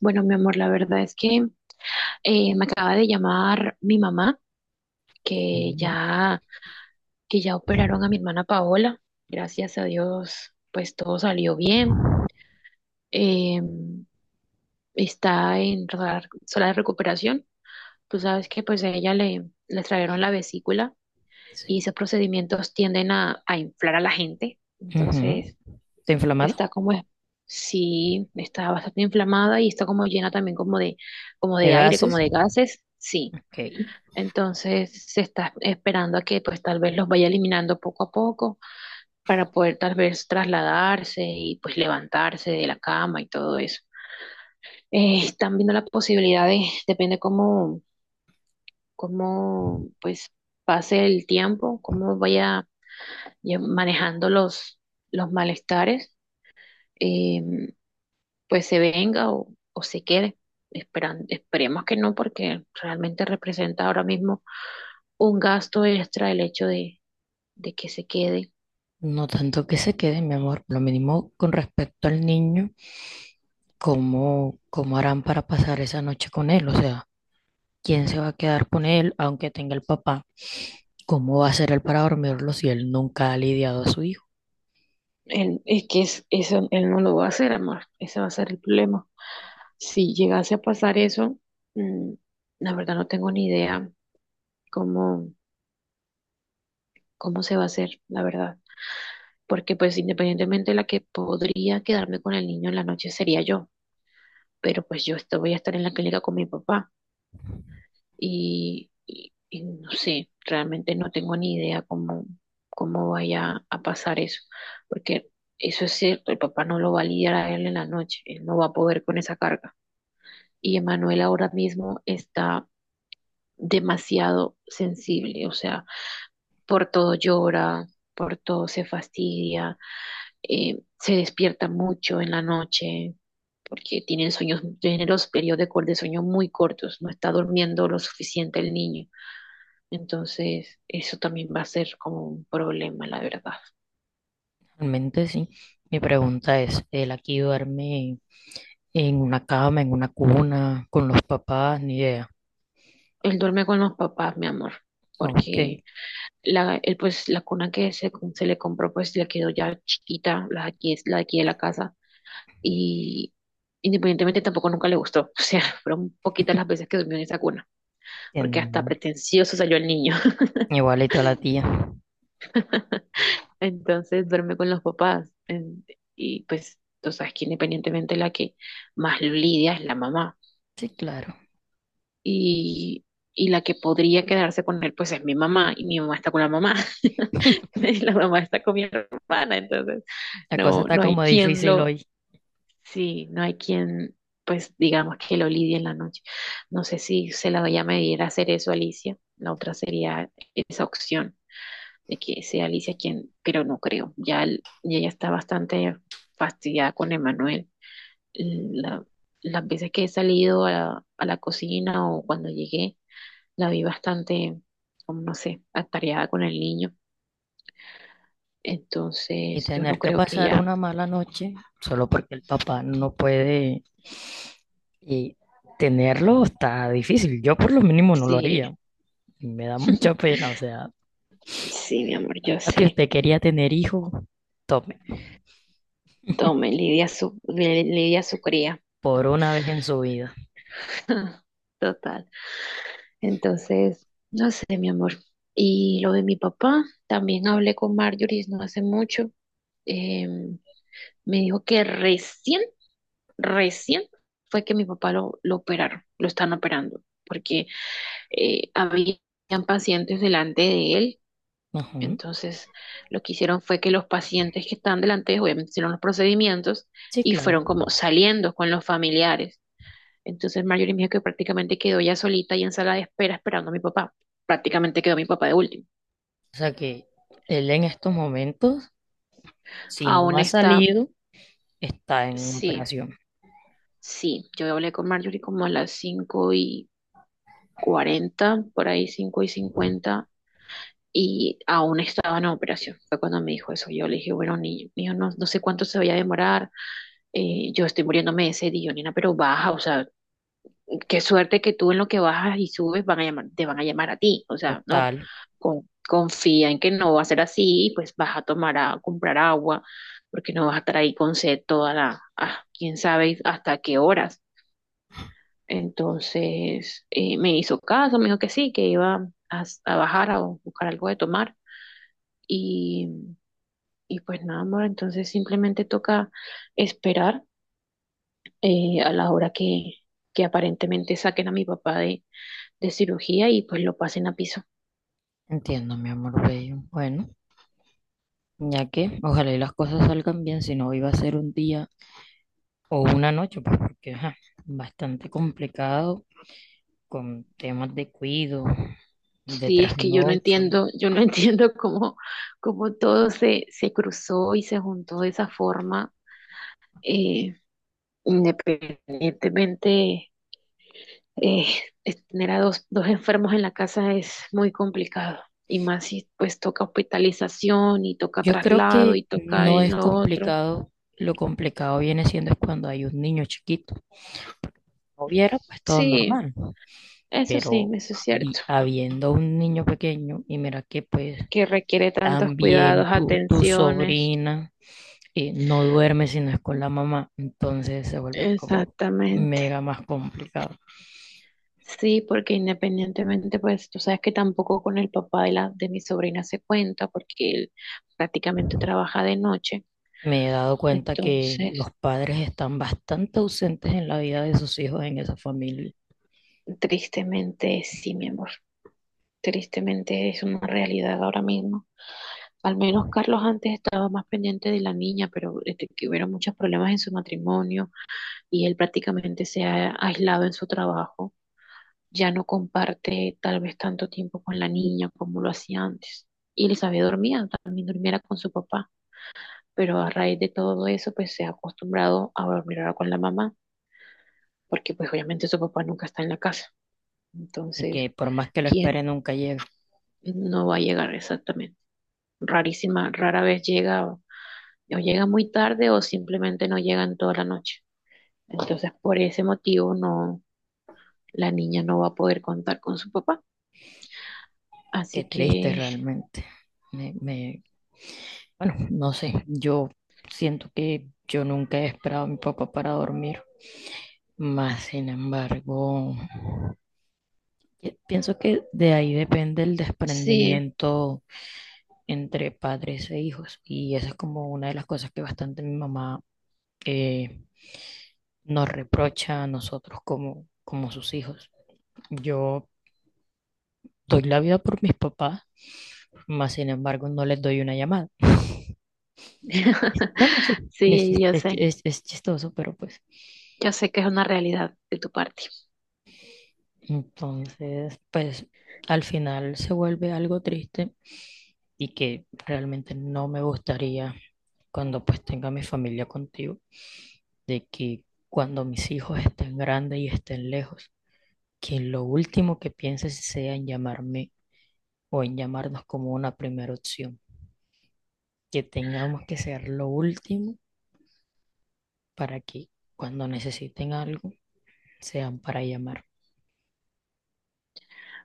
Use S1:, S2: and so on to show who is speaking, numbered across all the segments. S1: Bueno, mi amor, la verdad es que me acaba de llamar mi mamá, que
S2: Pulmón,
S1: ya, que ya operaron a mi hermana Paola. Gracias a Dios, pues todo salió bien. Eh, está en sala de recuperación. Tú sabes que pues a ella le extrajeron la vesícula y
S2: sí.
S1: esos procedimientos tienden a inflar a la gente.
S2: Ujú.
S1: Entonces,
S2: ¿Está inflamado?
S1: está como, sí, está bastante inflamada y está como llena también como
S2: ¿De
S1: de aire, como
S2: gases?
S1: de gases. Sí.
S2: Ok.
S1: Entonces se está esperando a que pues tal vez los vaya eliminando poco a poco para poder tal vez trasladarse y pues levantarse de la cama y todo eso. Están viendo la posibilidad de, depende cómo pues pase el tiempo, cómo vaya manejando los malestares, eh, pues se venga o se quede. Esperemos que no, porque realmente representa ahora mismo un gasto extra el hecho de que se quede.
S2: No tanto que se quede, mi amor. Lo mínimo con respecto al niño, ¿cómo harán para pasar esa noche con él? O sea, ¿quién se va a quedar con él aunque tenga el papá? ¿Cómo va a ser él para dormirlo si él nunca ha lidiado a su hijo?
S1: Él, es que eso él no lo va a hacer, amor. Ese va a ser el problema. Si llegase a pasar eso, mm, la verdad no tengo ni idea cómo, cómo se va a hacer, la verdad. Porque pues independientemente la que podría quedarme con el niño en la noche sería yo. Pero pues yo voy a estar en la clínica con mi papá. Y no sé, realmente no tengo ni idea cómo vaya a pasar eso. Porque eso es cierto, el papá no lo va a lidiar a él en la noche. Él no va a poder con esa carga. Y Emanuel ahora mismo está demasiado sensible, o sea, por todo llora, por todo se fastidia, se despierta mucho en la noche porque tienen sueños, tienen los periodos de sueño muy cortos, no está durmiendo lo suficiente el niño. Entonces, eso también va a ser como un problema, la verdad.
S2: Realmente sí. Mi pregunta es, ¿él aquí duerme en una cama, en una cuna, con los papás? Ni idea.
S1: Él duerme con los papás, mi amor,
S2: Ok,
S1: porque la, él, pues, la cuna que se le compró, pues le quedó ya chiquita, la, aquí es la de aquí de la casa, y independientemente tampoco nunca le gustó. O sea, fueron poquitas las veces que durmió en esa cuna, porque
S2: entiendo mi
S1: hasta
S2: amor.
S1: pretencioso salió el niño.
S2: Igualito a la tía.
S1: Entonces duerme con los papás. Y pues tú sabes que independientemente la que más lo lidia es la mamá.
S2: Sí, claro.
S1: Y, y la que podría quedarse con él, pues es mi mamá, y mi mamá está con la mamá. Y la mamá está con mi hermana, entonces
S2: La cosa
S1: no,
S2: está
S1: no hay
S2: como
S1: quien
S2: difícil
S1: lo...
S2: hoy
S1: Sí, no hay quien, pues digamos que lo lidie en la noche. No sé si se la vaya a medir a hacer eso a Alicia. La otra sería esa opción de que sea Alicia quien, pero no creo. Y ella está bastante fastidiada con Emanuel. La- las veces que he salido a la cocina o cuando llegué, la vi bastante, como no sé, atareada con el niño.
S2: y
S1: Entonces, yo no
S2: tener que
S1: creo que
S2: pasar
S1: ella...
S2: una mala noche solo porque el papá no puede y tenerlo está difícil. Yo por lo mínimo no lo
S1: Sí,
S2: haría. Me da mucha pena. O sea,
S1: sí, mi amor, yo
S2: papi,
S1: sé.
S2: usted quería tener hijo, tome,
S1: Tome, Lidia su cría.
S2: por una vez en su vida.
S1: Total. Entonces, no sé, mi amor. Y lo de mi papá, también hablé con Marjorie no hace mucho. Eh, me dijo que recién fue que mi papá lo operaron, lo están operando, porque habían pacientes delante de él.
S2: Ujú.
S1: Entonces, lo que hicieron fue que los pacientes que están delante, obviamente hicieron los procedimientos
S2: Sí,
S1: y
S2: claro.
S1: fueron como saliendo con los familiares. Entonces Marjorie me dijo que prácticamente quedó ya solita y en sala de espera esperando a mi papá. Prácticamente quedó mi papá de último.
S2: O sea que él en estos momentos, si no
S1: Aún
S2: ha
S1: está,
S2: salido, está en
S1: sí,
S2: operación.
S1: sí. Yo hablé con Marjorie como a las 5:40, por ahí 5:50, y aún estaba en operación. Fue cuando me dijo eso. Yo le dije, bueno, niño, no, no sé cuánto se vaya a demorar. Yo estoy muriéndome de sed, y yo, nena, pero baja, o sea, qué suerte que tú en lo que bajas y subes van a llamar, te van a llamar a ti. O sea, no,
S2: Total.
S1: confía en que no va a ser así y pues vas a tomar a comprar agua porque no vas a estar ahí con sed toda la, ah, quién sabe hasta qué horas. Entonces me hizo caso, me dijo que sí, que iba a bajar a buscar algo de tomar. Y, y pues nada, amor, entonces simplemente toca esperar a la hora que aparentemente saquen a mi papá de cirugía y pues lo pasen a piso.
S2: Entiendo, mi amor bello. Bueno, ya que ojalá y las cosas salgan bien, si no iba a ser un día o una noche, pues porque ajá, bastante complicado con temas de cuido, de
S1: Sí, es que yo no
S2: trasnocho.
S1: entiendo, yo no entiendo cómo, cómo todo se cruzó y se juntó de esa forma, eh, independientemente, eh, tener a dos enfermos en la casa es muy complicado. Y más si pues toca hospitalización y toca
S2: Yo creo
S1: traslado
S2: que
S1: y toca
S2: no
S1: en
S2: es
S1: lo otro.
S2: complicado, lo complicado viene siendo es cuando hay un niño chiquito. No hubiera pues todo
S1: Sí,
S2: normal,
S1: sí,
S2: pero
S1: eso es cierto,
S2: habiendo un niño pequeño y mira que pues
S1: que requiere tantos cuidados,
S2: también tu
S1: atenciones.
S2: sobrina no duerme si no es con la mamá, entonces se vuelve como
S1: Exactamente.
S2: mega más complicado.
S1: Sí, porque independientemente, pues tú sabes que tampoco con el papá de mi sobrina se cuenta porque él prácticamente trabaja de noche.
S2: Me he dado cuenta que los
S1: Entonces,
S2: padres están bastante ausentes en la vida de sus hijos en esa familia
S1: tristemente, sí, mi amor, tristemente es una realidad ahora mismo. Al menos Carlos antes estaba más pendiente de la niña, pero este, que hubieron muchos problemas en su matrimonio y él prácticamente se ha aislado en su trabajo. Ya no comparte tal vez tanto tiempo con la niña como lo hacía antes. Y Elizabeth dormía, también dormiera con su papá, pero a raíz de todo eso, pues se ha acostumbrado a dormir ahora con la mamá, porque pues obviamente su papá nunca está en la casa.
S2: y
S1: Entonces,
S2: que por más que lo espere
S1: ¿quién
S2: nunca llega.
S1: no va a llegar exactamente? Rarísima, rara vez llega, o llega muy tarde o simplemente no llega en toda la noche. Entonces, por ese motivo, no, la niña no va a poder contar con su papá.
S2: Qué
S1: Así
S2: triste
S1: que
S2: realmente. Me, me- bueno, no sé, yo siento que yo nunca he esperado a mi papá para dormir, más sin embargo, y pienso que de ahí depende el
S1: sí.
S2: desprendimiento entre padres e hijos y esa es como una de las cosas que bastante mi mamá eh, nos reprocha a nosotros como sus hijos. Yo doy la vida por mis papás, más sin embargo no les doy una llamada. Es- No, no, Sí, es,
S1: Sí,
S2: es chistoso, pero pues
S1: yo sé que es una realidad de tu parte.
S2: entonces pues al final se vuelve algo triste y que realmente no me gustaría cuando pues tenga mi familia contigo, de que cuando mis hijos estén grandes y estén lejos, que lo último que pienses sea en llamarme o en llamarnos como una primera opción, que tengamos que ser lo último para que cuando necesiten algo sean para llamar.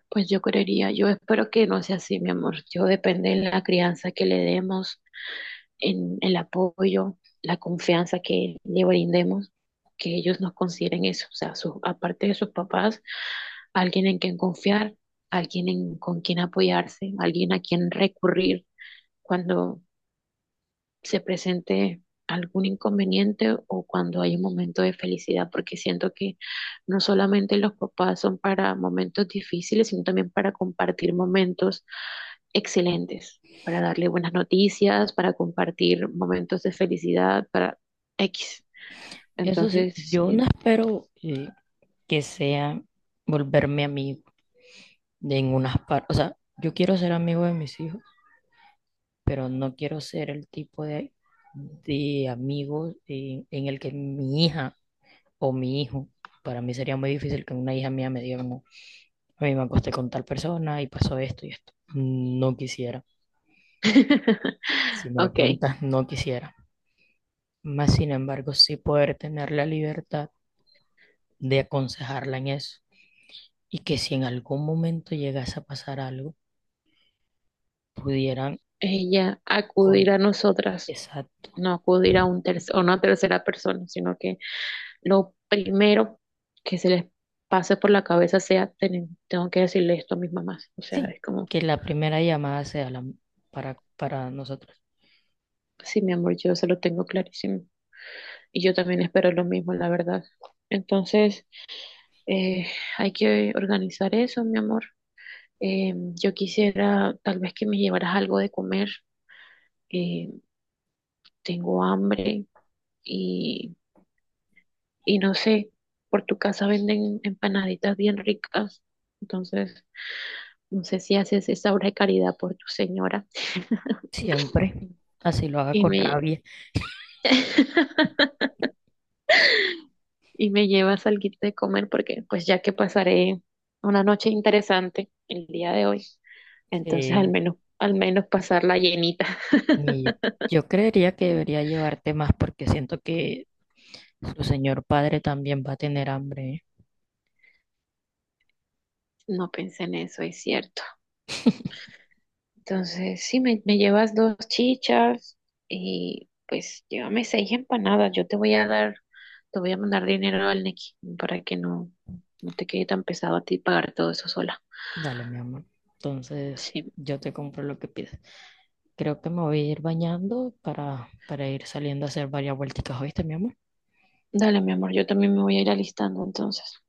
S1: Pues yo creería, yo espero que no sea así, mi amor. Yo depende de la crianza que le demos, en el apoyo, la confianza que le brindemos, que ellos nos consideren eso, o sea, aparte de sus papás, alguien en quien confiar, alguien en, con quien apoyarse, alguien a quien recurrir se presente algún inconveniente o cuando hay un momento de felicidad, porque siento que no solamente los papás son para momentos difíciles, sino también para compartir momentos excelentes, para darle buenas noticias, para compartir momentos de felicidad, para X.
S2: Eso sí,
S1: Entonces,
S2: yo no
S1: sí.
S2: espero que sea volverme amigo de en unas partes, o sea, yo quiero ser amigo de mis hijos pero no quiero ser el tipo de amigo en el que mi hija o mi hijo, para mí sería muy difícil que una hija mía me diga, no, a mí me acosté con tal persona y pasó esto y esto. No quisiera. Si me lo
S1: Ok,
S2: preguntas, no quisiera. Más sin embargo, sí poder tener la libertad de aconsejarla en eso y que si en algún momento llegase a pasar algo, pudieran
S1: ella acudir
S2: con
S1: a nosotras,
S2: exacto.
S1: no acudir a un tercer, o no a tercera persona, sino que lo primero que se les pase por la cabeza sea, tengo que decirle esto a mis mamás". O sea,
S2: Sí,
S1: es como,
S2: que la primera llamada sea la para nosotros.
S1: sí, mi amor, yo se lo tengo clarísimo. Y yo también espero lo mismo, la verdad. Entonces, eh, hay que organizar eso, mi amor. Yo quisiera tal vez que me llevaras algo de comer. Eh, tengo hambre y, y no sé, por tu casa venden empanaditas bien ricas. Entonces, no sé si haces esa obra de caridad por tu señora
S2: Siempre, así lo haga
S1: y
S2: con rabia.
S1: y me llevas alguito de comer porque pues ya que pasaré una noche interesante el día de hoy, entonces
S2: Sí,
S1: al menos pasarla llenita.
S2: y yo creería que debería llevarte más porque siento que su señor padre también va a tener hambre. ¿Eh?
S1: No pensé en eso, es cierto. Entonces, sí, me llevas dos chichas y pues llévame seis empanadas. Yo te voy a dar, te voy a mandar dinero al Nequi para que no te quede tan pesado a ti pagar todo eso sola.
S2: Dale, mi amor. Entonces,
S1: Sí,
S2: yo te compro lo que pides. Creo que me voy a ir bañando para ir saliendo a hacer varias vuelticas, ¿oíste, mi amor?
S1: dale, mi amor, yo también me voy a ir alistando entonces.